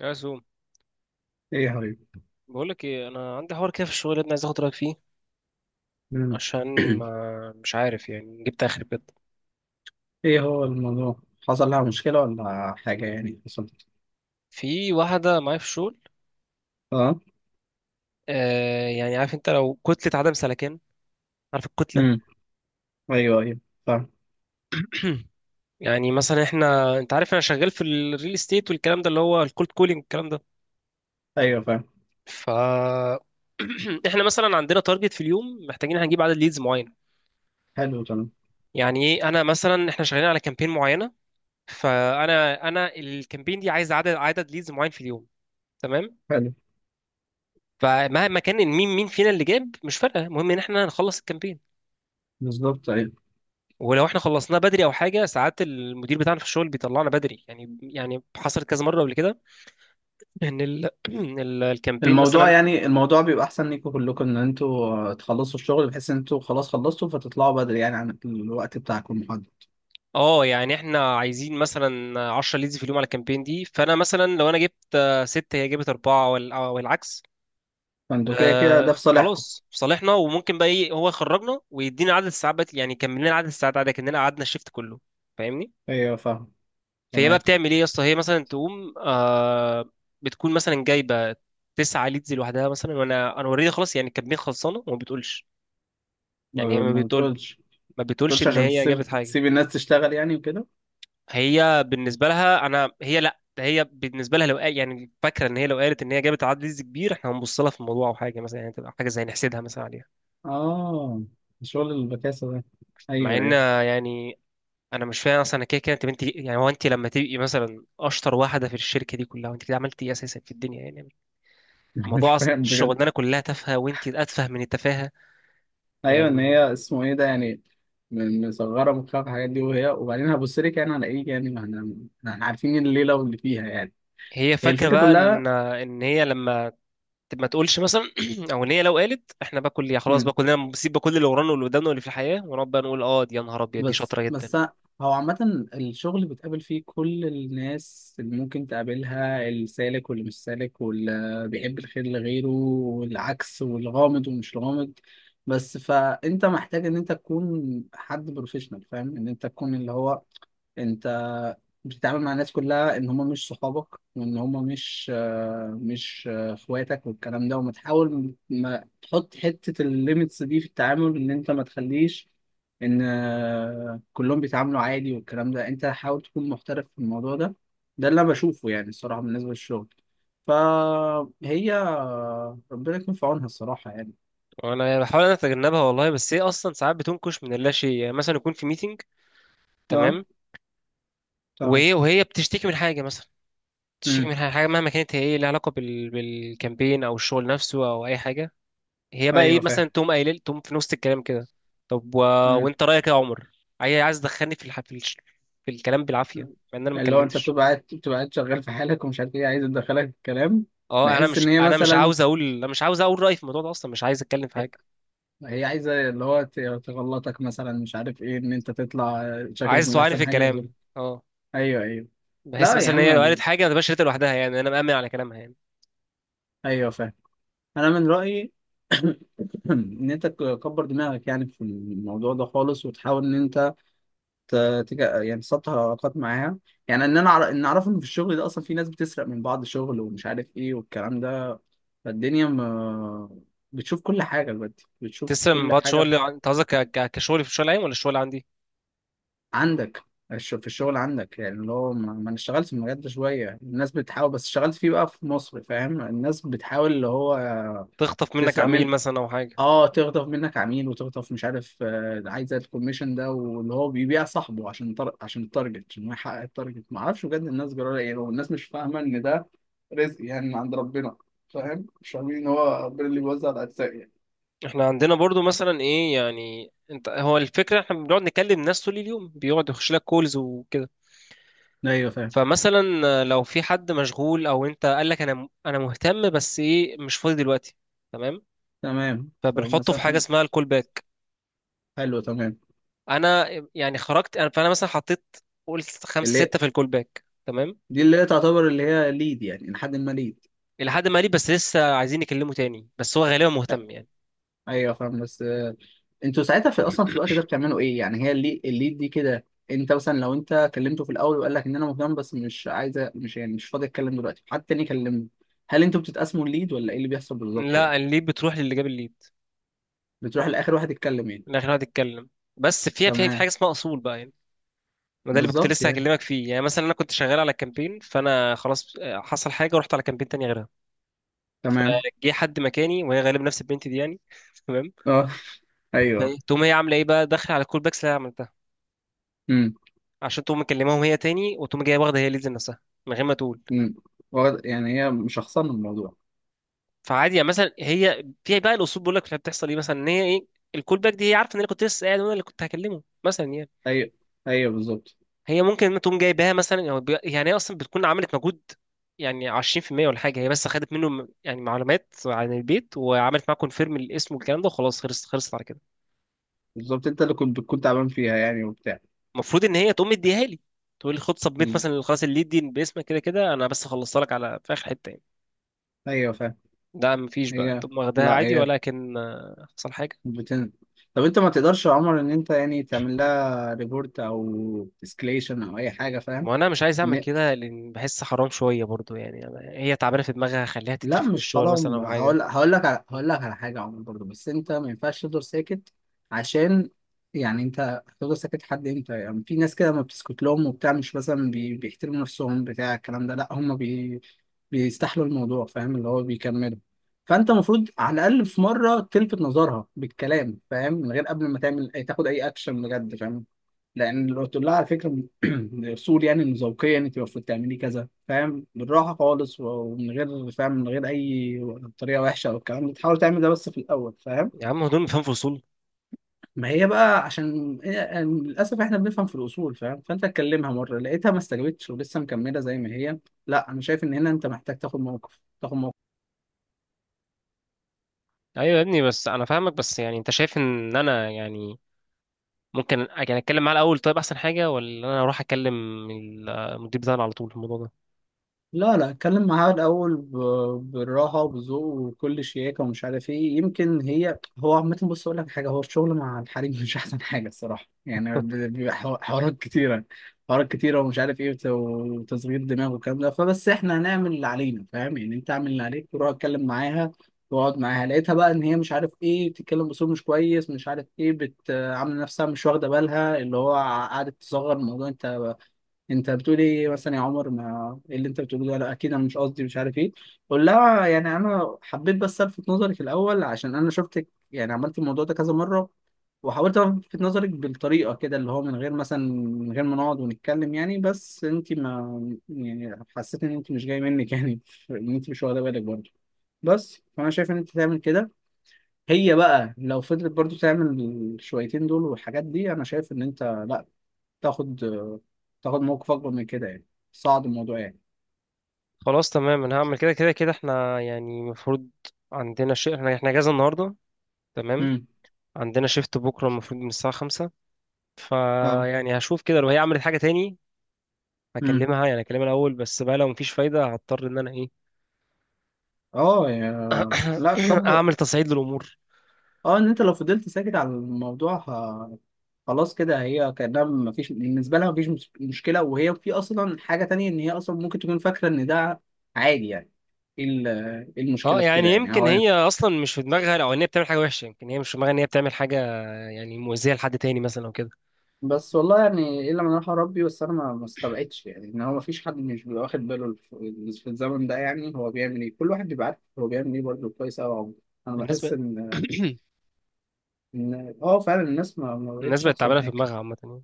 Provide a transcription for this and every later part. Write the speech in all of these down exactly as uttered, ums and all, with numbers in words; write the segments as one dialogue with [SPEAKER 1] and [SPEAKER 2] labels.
[SPEAKER 1] يا سو،
[SPEAKER 2] ايه يا حبيبي.
[SPEAKER 1] بقول لك ايه، انا عندي حوار كده في الشغل ده، عايز اخد رايك فيه.
[SPEAKER 2] مم.
[SPEAKER 1] عشان ما مش عارف، يعني جبت اخر بجد.
[SPEAKER 2] ايه هو الموضوع؟ حصل لها مشكلة ولا حاجة؟ يعني حصلت.
[SPEAKER 1] في واحده معايا في الشغل.
[SPEAKER 2] اه.
[SPEAKER 1] آه يعني، عارف انت لو كتله عدم سلكان؟ عارف الكتله؟
[SPEAKER 2] امم. ايوه ايوه، فاهم.
[SPEAKER 1] يعني مثلا احنا انت عارف انا شغال في الريل استيت والكلام ده، اللي هو الكولد كولينج والكلام ده.
[SPEAKER 2] ايوه فاهم.
[SPEAKER 1] ف احنا مثلا عندنا تارجت في اليوم، محتاجين هنجيب عدد ليدز معين.
[SPEAKER 2] حلو تمام.
[SPEAKER 1] يعني ايه، انا مثلا احنا شغالين على كامبين معينه، فانا انا الكامبين دي عايز عدد عدد ليدز معين في اليوم، تمام؟
[SPEAKER 2] حلو.
[SPEAKER 1] فمهما كان إن مين مين فينا اللي جاب مش فارقه، المهم ان احنا نخلص الكامبين.
[SPEAKER 2] بالظبط، ايوه.
[SPEAKER 1] ولو احنا خلصناه بدري او حاجه، ساعات المدير بتاعنا في الشغل بيطلعنا بدري. يعني يعني حصلت كذا مره قبل كده، ان ال... ال- الكامبين
[SPEAKER 2] الموضوع،
[SPEAKER 1] مثلا.
[SPEAKER 2] يعني الموضوع بيبقى احسن ليكوا كلكم ان انتوا آه، تخلصوا الشغل، بحيث ان انتوا خلاص خلصتوا فتطلعوا بدري، يعني عن الوقت بتاعكم المحدد.
[SPEAKER 1] اه يعني، احنا عايزين مثلا عشرة ليدز في اليوم على الكامبين دي، فانا مثلا لو انا جبت آه، ست، هي جابت اربعه، وال- آه، والعكس.
[SPEAKER 2] فانتوا كده كده
[SPEAKER 1] آه
[SPEAKER 2] ده في صالحكم.
[SPEAKER 1] خلاص، في صالحنا. وممكن بقى ايه، هو يخرجنا ويدينا عدد الساعات بقى- يعني يكمل لنا عدد الساعات عادي كاننا قعدنا الشيفت كله، فاهمني؟
[SPEAKER 2] ايوه فاهم.
[SPEAKER 1] فهي بقى
[SPEAKER 2] تمام.
[SPEAKER 1] بتعمل ايه يا اسطى، هي مثلا تقوم آه بتكون مثلا جايبه تسعة ليدز لوحدها مثلا، وانا انا اوريدي خلاص، يعني الكميه خلصانه، وما بتقولش.
[SPEAKER 2] ما
[SPEAKER 1] يعني هي، ما
[SPEAKER 2] ما
[SPEAKER 1] بتقول
[SPEAKER 2] بتقولش ما
[SPEAKER 1] ما بتقولش
[SPEAKER 2] بتقولش
[SPEAKER 1] ان
[SPEAKER 2] عشان
[SPEAKER 1] هي جابت
[SPEAKER 2] تسيب
[SPEAKER 1] حاجه.
[SPEAKER 2] تسيب الناس تشتغل يعني وكده.
[SPEAKER 1] هي بالنسبه لها انا، هي لا، ده هي بالنسبه لها لو قال، يعني فاكره ان هي لو قالت ان هي جابت عدد ليدز كبير احنا هنبص لها في الموضوع او حاجه، مثلا يعني تبقى حاجه زي نحسدها مثلا عليها.
[SPEAKER 2] اه. شغل البكاسة ده.
[SPEAKER 1] مع
[SPEAKER 2] ايوه
[SPEAKER 1] ان،
[SPEAKER 2] ايوه.
[SPEAKER 1] يعني انا مش فاهم اصلا، أنا كده كده. انت بنتي يعني، هو انت لما تبقي مثلا اشطر واحده في الشركه دي كلها، وانت كده عملتي ايه اساسا في الدنيا يعني؟
[SPEAKER 2] مش
[SPEAKER 1] موضوع أص-
[SPEAKER 2] فاهم بجد.
[SPEAKER 1] الشغلانه كلها تافهه وانت اتفه من التفاهه،
[SPEAKER 2] ايوه، ان
[SPEAKER 1] يعني.
[SPEAKER 2] هي اسمه ايه ده يعني. م- مصغره مخها في الحاجات دي، وهي وبعدين هبص لك يعني على ايه؟ يعني ما احنا ما احنا عارفين الليله واللي فيها يعني.
[SPEAKER 1] هي
[SPEAKER 2] هي
[SPEAKER 1] فاكره
[SPEAKER 2] الفكره
[SPEAKER 1] بقى ان
[SPEAKER 2] كلها.
[SPEAKER 1] ان هي لما ت- ما تقولش مثلا، او ان هي لو قالت، احنا بقى كل خلاص بقى،
[SPEAKER 2] مم.
[SPEAKER 1] كلنا بنسيب بقى كل اللي ورانا واللي قدامنا واللي في الحياه، ونقعد بقى نقول اه دي يا نهار ابيض دي
[SPEAKER 2] بس
[SPEAKER 1] شاطره جدا.
[SPEAKER 2] بس. هو عامة الشغل بتقابل فيه كل الناس اللي ممكن تقابلها، السالك واللي مش سالك، واللي بيحب الخير لغيره والعكس، والغامض ومش غامض. بس فأنت محتاج إن أنت تكون حد بروفيشنال، فاهم، إن أنت تكون اللي هو، انت بتتعامل مع الناس كلها ان هم مش صحابك، وان هم مش آه، مش آه، اخواتك والكلام ده، وما تحاول ما تحط حتة الليميتس دي في التعامل، ان انت ما تخليش ان آه، كلهم بيتعاملوا عادي والكلام ده. انت حاول تكون محترف في الموضوع ده. ده اللي انا بشوفه يعني الصراحه بالنسبه للشغل. فهي آه، ربنا يكون في عونها الصراحه يعني.
[SPEAKER 1] وانا بحاول انا اتجنبها والله، بس هي اصلا ساعات بتنكش من اللا شيء. يعني مثلا يكون في ميتنج،
[SPEAKER 2] اه.
[SPEAKER 1] تمام؟
[SPEAKER 2] تمام.
[SPEAKER 1] وهي وهي بتشتكي من حاجه مثلا، بتشتكي
[SPEAKER 2] امم.
[SPEAKER 1] من حاجه مهما كانت هي ايه، لها علاقه بال... بالكامبين او الشغل نفسه او اي حاجه. هي بقى ايه،
[SPEAKER 2] ايوه فاهم.
[SPEAKER 1] مثلا تقوم قايله لي- تقوم في نص الكلام كده، طب و...
[SPEAKER 2] امم.
[SPEAKER 1] وانت رايك إيه يا عمر؟ هي عايز تدخلني في الح... في, الش... في الكلام بالعافيه، مع ان انا ما
[SPEAKER 2] اللي هو انت
[SPEAKER 1] اتكلمتش.
[SPEAKER 2] بتبقى قاعد بتبقى قاعد شغال في حالك، ومش عارف ايه عايزه تدخلك الكلام.
[SPEAKER 1] اه انا
[SPEAKER 2] بحس
[SPEAKER 1] مش
[SPEAKER 2] ان هي
[SPEAKER 1] انا مش
[SPEAKER 2] مثلا
[SPEAKER 1] عاوز اقول انا مش عاوز اقول رايي في الموضوع ده اصلا، مش عايز اتكلم في حاجه،
[SPEAKER 2] هي عايزه اللي هو ت- تغلطك مثلا، مش عارف ايه، ان انت تطلع شكلك
[SPEAKER 1] عايز
[SPEAKER 2] مش
[SPEAKER 1] توعاني في
[SPEAKER 2] احسن حاجه بزر.
[SPEAKER 1] الكلام. اه
[SPEAKER 2] ايوه ايوه.
[SPEAKER 1] بحس
[SPEAKER 2] لا يا
[SPEAKER 1] مثلا ان هي لو قالت
[SPEAKER 2] عم.
[SPEAKER 1] حاجه ما تبقاش قالتها لوحدها، يعني انا مأمن على كلامها يعني.
[SPEAKER 2] ايوه فاهم. انا من رايي. ان انت تكبر دماغك يعني في الموضوع ده خالص، وتحاول ان انت ت- تك... يعني تسطح علاقات معاها. يعني ان انا أعرف- ان اعرف ان في الشغل ده اصلا في ناس بتسرق من بعض شغل، ومش عارف ايه والكلام ده. فالدنيا ما... بتشوف كل حاجه دلوقتي، بتشوف
[SPEAKER 1] تسلم من
[SPEAKER 2] كل
[SPEAKER 1] بعض
[SPEAKER 2] حاجه
[SPEAKER 1] شغل
[SPEAKER 2] في-
[SPEAKER 1] انت قصدك ك... ك- كشغل، في الشغل العام ولا الشغل عندي؟
[SPEAKER 2] عندك. الش- في الشغل عندك، يعني اللي هو ما ما انا اشتغلت في المجال ده شويه، الناس بتحاول، بس اشتغلت فيه بقى في مصر، فاهم، الناس بتحاول اللي هو
[SPEAKER 1] تخطف منك
[SPEAKER 2] تسرق
[SPEAKER 1] عميل
[SPEAKER 2] منك.
[SPEAKER 1] مثلا او حاجه.
[SPEAKER 2] اه. تغضب منك عميل، وتغضب مش عارف آه، عايز الكوميشن ده، واللي هو بيبيع صاحبه عشان تر... عشان التارجت، عشان هو يحقق التارجت. ما اعرفش بجد الناس جرالها ايه، لو الناس مش فاهمه ان ده رزق يعني من عند ربنا، فاهم، مش فاهمين ان هو ربنا اللي بيوزع الارزاق يعني.
[SPEAKER 1] احنا عندنا برضو مثلا ايه يعني، انت هو الفكره احنا بنقعد نكلم ناس طول اليوم، بيقعد يخش لك كولز وكده.
[SPEAKER 2] ايوه فاهم.
[SPEAKER 1] فمثلا لو في حد مشغول، او انت قال لك انا انا مهتم بس ايه، مش فاضي دلوقتي، تمام؟
[SPEAKER 2] تمام.
[SPEAKER 1] فبنحطه في
[SPEAKER 2] فمثلا
[SPEAKER 1] حاجه
[SPEAKER 2] حد.
[SPEAKER 1] اسمها الكول باك.
[SPEAKER 2] حلو تمام.
[SPEAKER 1] انا يعني خرجت انا، فانا مثلا حطيت، قلت خمسة
[SPEAKER 2] اللي
[SPEAKER 1] ستة في الكول باك، تمام؟
[SPEAKER 2] دي اللي هي تعتبر اللي هي ليد يعني، لحد ما ليد.
[SPEAKER 1] الى حد ما ليه، بس لسه عايزين يكلمه تاني، بس هو غالبا مهتم يعني.
[SPEAKER 2] ايوه فاهم بس آه، انتوا ساعتها في اصلا في الوقت ده بتعملوا ايه يعني؟ هي اللي الليد دي كده، انت مثلا لو انت كلمته في الاول وقال لك ان انا مهتم، بس مش عايزه، مش يعني مش فاضي اتكلم دلوقتي، حد تاني كلمني. هل انتوا بتتقسموا الليد، ولا ايه اللي بيحصل بالظبط يعني؟
[SPEAKER 1] لا، الليد بتروح للي جاب الليد.
[SPEAKER 2] بتروح لاخر واحد يتكلم يعني.
[SPEAKER 1] من الاخر هو يتكلم. بس فيها، في في
[SPEAKER 2] تمام
[SPEAKER 1] حاجه اسمها اصول بقى يعني، ما ده اللي كنت
[SPEAKER 2] بالظبط
[SPEAKER 1] لسه
[SPEAKER 2] يعني.
[SPEAKER 1] هكلمك فيه. يعني مثلا انا كنت شغال على كامبين، فانا خلاص آه، حصل حاجه ورحت على كامبين تاني غيرها.
[SPEAKER 2] تمام.
[SPEAKER 1] فجه حد مكاني، وهي غالبا نفس البنت دي يعني. تمام.
[SPEAKER 2] اه.
[SPEAKER 1] فإيه،
[SPEAKER 2] ايوه.
[SPEAKER 1] تقوم هي عامله ايه بقى، داخله على الكول باكس اللي انا عملتها،
[SPEAKER 2] امم.
[SPEAKER 1] عشان تقوم مكلماهم هي تاني، وتقوم جايه واخده هي ليدز نفسها من غير ما تقول.
[SPEAKER 2] امم. واخد- يعني هي مشخصنه الموضوع.
[SPEAKER 1] فعادي يعني، مثلا هي في بقى الاصول بيقول لك بتحصل ايه. مثلا ان هي ايه، الكول باك دي هي عارفه ان انا كنت لسه قاعد وانا اللي كنت هكلمه مثلا يعني.
[SPEAKER 2] ايوه ايوه بالظبط.
[SPEAKER 1] هي ممكن تقوم جايباها مثلا، أو بي- يعني هي اصلا بتكون عملت مجهود يعني عشرين في المية ولا حاجه. هي بس خدت منه م- يعني معلومات عن البيت، وعملت معاه كونفيرم الاسم والكلام ده، وخلاص خلصت خلصت على كده.
[SPEAKER 2] بالظبط انت اللي كنت بتكون تعبان فيها يعني وبتاع.
[SPEAKER 1] المفروض ان هي تقوم مديها لي، تقول لي خد سبميت
[SPEAKER 2] بز-
[SPEAKER 1] مثلا، خلاص الليد دي باسمك، كده كده انا بس خلصت لك على في اخر حته يعني.
[SPEAKER 2] ايوه فاهم.
[SPEAKER 1] ده مفيش، بقى
[SPEAKER 2] هي،
[SPEAKER 1] تقوم واخداها
[SPEAKER 2] لا
[SPEAKER 1] عادي.
[SPEAKER 2] هي
[SPEAKER 1] ولكن آه، حصل حاجه.
[SPEAKER 2] بتن... طب انت ما تقدرش يا عمر ان انت يعني تعمل لها ريبورت او اسكليشن او اي حاجه، فاهم؟
[SPEAKER 1] ما انا مش عايز اعمل
[SPEAKER 2] ان
[SPEAKER 1] كده، لان بحس حرام شويه برضو يعني. أنا هي تعبانه في دماغها، خليها
[SPEAKER 2] لا
[SPEAKER 1] تترفد من
[SPEAKER 2] مش
[SPEAKER 1] الشغل مثلا
[SPEAKER 2] حرام.
[SPEAKER 1] او حاجه.
[SPEAKER 2] هقول هقول لك على... هقول لك على حاجه يا عمر برضه، بس انت ما ينفعش تفضل ساكت. عشان يعني انت هتفضل ساكت لحد امتى؟ يعني في ناس كده ما بتسكت لهم وبتاع، مش مثلا بي... بيحترموا نفسهم بتاع الكلام ده، لا هم بي... بيستحلوا الموضوع، فاهم، اللي هو بيكملوا. فانت المفروض على الاقل في مره تلفت نظرها بالكلام، فاهم، من غير قبل ما تعمل أي- تاخد اي اكشن بجد فاهم. لان لو قلت لها على فكره الاصول يعني، إن ذوقيا يعني انت المفروض تعملي كذا، فاهم، بالراحه خالص، و- ومن غير، فاهم، من غير اي طريقه وحشه او الكلام ده، تحاول تعمل ده بس في الاول فاهم.
[SPEAKER 1] يا عم هدول فاهم في اصول؟
[SPEAKER 2] ما هي بقى عشان هي- يعني للاسف احنا بنفهم في الاصول، فاهم، فانت اتكلمها مره لقيتها ما استجابتش ولسه مكمله زي ما هي. لا انا شايف ان هنا انت محتاج تاخد موقف، تاخد موقف.
[SPEAKER 1] ايوه يا ابني، بس انا فاهمك. بس يعني انت شايف ان انا يعني ممكن يعني اتكلم معاه الاول، طيب احسن حاجه، ولا انا اروح اكلم المدير بتاعنا على طول في الموضوع ده؟
[SPEAKER 2] لا لا اتكلم معاها الأول، ب- بالراحة وبذوق وكل شياكة ومش عارف ايه. يمكن هي هو عامة، بص أقول لك حاجة، هو الشغل مع الحريم مش أحسن حاجة الصراحة، يعني ب- بيبقى حو- حوارات كتيرة، حوارات كتيرة ومش عارف ايه وت- وتصغير دماغ والكلام ده. فبس احنا هنعمل اللي علينا فاهم. يعني أنت اعمل اللي عليك، وروح اتكلم معاها واقعد معاها. لقيتها بقى إن هي مش عارف ايه، بتتكلم بصوت مش كويس، مش عارف ايه بت- عاملة نفسها مش واخدة بالها، اللي هو قعدت تصغر الموضوع. أنت، انت بتقول ايه مثلا يا عمر؟ ما ايه اللي انت بتقوله ده؟ لا اكيد انا مش قصدي مش عارف ايه. قول لها يعني انا حبيت بس الفت نظرك الاول، عشان انا شفتك يعني عملت الموضوع ده كذا مره، وحاولت الفت نظرك بالطريقه كده اللي هو من غير مثلا، من غير ما نقعد ونتكلم يعني، بس انت ما يعني، حسيت ان انت مش جاي منك يعني ان انت مش واخده بالك برضه. بس فانا شايف ان انت تعمل كده. هي بقى لو فضلت برضو تعمل الشويتين دول والحاجات دي، انا شايف ان انت لا، تاخد تاخد موقف اكبر من كده يعني. صعد الموضوع يعني.
[SPEAKER 1] خلاص تمام، انا هعمل كده. كده كده احنا يعني المفروض عندنا شيء، احنا احنا اجازه النهارده، تمام؟
[SPEAKER 2] امم.
[SPEAKER 1] عندنا شيفت بكره المفروض من الساعه خمسة.
[SPEAKER 2] اه.
[SPEAKER 1] فيعني هشوف كده، لو هي عملت حاجه تاني
[SPEAKER 2] امم.
[SPEAKER 1] هكلمها يعني هكلمها الاول. بس بقى لو مفيش فايده، هضطر ان انا ايه،
[SPEAKER 2] اه يا لا كبر.
[SPEAKER 1] اعمل تصعيد للامور.
[SPEAKER 2] اه ان انت لو فضلت ساكت على الموضوع ه... خلاص كده هي كانها مفيش، بالنسبه لها مفيش مس- مشكله، وهي في اصلا حاجه تانية، ان هي اصلا ممكن تكون فاكره ان ده عادي يعني. ايه ال- إيه
[SPEAKER 1] اه
[SPEAKER 2] المشكله في كده
[SPEAKER 1] يعني
[SPEAKER 2] يعني
[SPEAKER 1] يمكن
[SPEAKER 2] هو.
[SPEAKER 1] هي اصلا مش في دماغها، او ان هي بتعمل حاجه وحشه. يمكن هي مش في دماغها ان هي بتعمل حاجه يعني مؤذيه لحد تاني مثلا او كده.
[SPEAKER 2] بس والله يعني الا من راح ربي، بس انا ما ما استبعدش يعني، ان هو ما فيش حد مش بيبقى واخد باله في في الزمن ده، يعني هو بيعمل ايه، كل واحد بيبقى عارف هو بيعمل ايه برضه كويس قوي عمره. انا
[SPEAKER 1] الناس
[SPEAKER 2] بحس
[SPEAKER 1] بقى
[SPEAKER 2] ان، ان اه فعلا الناس ما, ما
[SPEAKER 1] الناس
[SPEAKER 2] بقتش
[SPEAKER 1] بقت
[SPEAKER 2] احسن
[SPEAKER 1] تعبانه في
[SPEAKER 2] حاجه.
[SPEAKER 1] دماغها عامه يعني.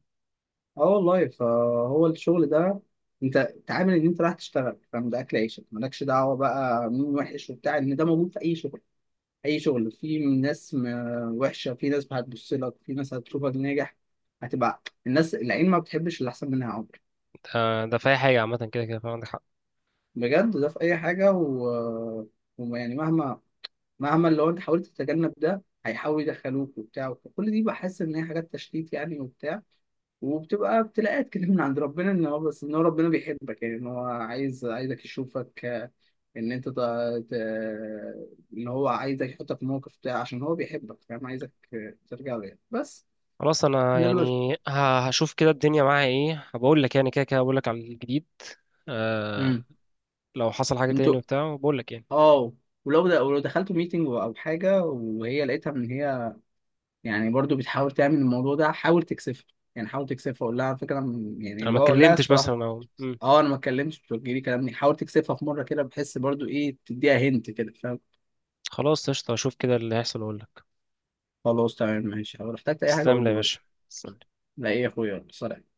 [SPEAKER 2] اه والله. فهو الشغل ده، انت تعامل ان انت رايح تشتغل، فاهم، ده اكل عيشك مالكش دعوه بقى مين وحش وبتاع. ان ده موجود في اي شغل، اي شغل في ناس م- وحشه، في ناس هتبص لك، في ناس هتشوفك ناجح. هتبقى الناس، العين ما بتحبش اللي احسن منها عمر.
[SPEAKER 1] ده ده في اي حاجه، عامه كده كده، فعندك حق.
[SPEAKER 2] بجد ده في اي حاجه و... ويعني مهما مهما لو انت حاولت تتجنب ده، هيحاول يدخلوك وبتاع. كل دي بحس ان هي حاجات تشتيت يعني وبتاع، وبتبقى ابتلاءات كده من عند ربنا، ان هو بس ان هو ربنا بيحبك يعني، ان هو عايز عايزك يشوفك آه، ان انت ت... ت... ان هو عايزك يحطك في موقف بتاع، عشان هو بيحبك فاهم، عايزك آه، ترجع له يعني بس.
[SPEAKER 1] خلاص، انا
[SPEAKER 2] ده اللي بس.
[SPEAKER 1] يعني ه- هشوف كده الدنيا معايا ايه، بقول لك يعني. كده كده بقول لك على الجديد. آه
[SPEAKER 2] امم.
[SPEAKER 1] لو حصل حاجه
[SPEAKER 2] انتوا،
[SPEAKER 1] تاني وبتاع بقول لك يعني،
[SPEAKER 2] اه، ولو ده، ولو دخلتوا ميتنج او حاجه وهي لقيتها ان هي يعني برضو بتحاول تعمل الموضوع ده، حاول تكسفها. يعني حاول تكسفها، قول لها على فكره م- يعني
[SPEAKER 1] انا
[SPEAKER 2] اللي
[SPEAKER 1] ما
[SPEAKER 2] هو قول لها
[SPEAKER 1] اتكلمتش
[SPEAKER 2] الصراحه
[SPEAKER 1] مثلا، او مم.
[SPEAKER 2] اه انا ما اتكلمتش، بتوجهلي كلامني، حاول تكسفها في مره كده، بحس برضو ايه تديها هنت كده فاهم.
[SPEAKER 1] خلاص، قشطه، اشوف كده اللي هيحصل واقول لك.
[SPEAKER 2] خلاص تمام ماشي، لو احتجت اي حاجه
[SPEAKER 1] تسلم
[SPEAKER 2] قول
[SPEAKER 1] لي
[SPEAKER 2] لي
[SPEAKER 1] يا
[SPEAKER 2] برضو.
[SPEAKER 1] باشا. تسلم.
[SPEAKER 2] لا ايه يا اخويا، يلا، سلام.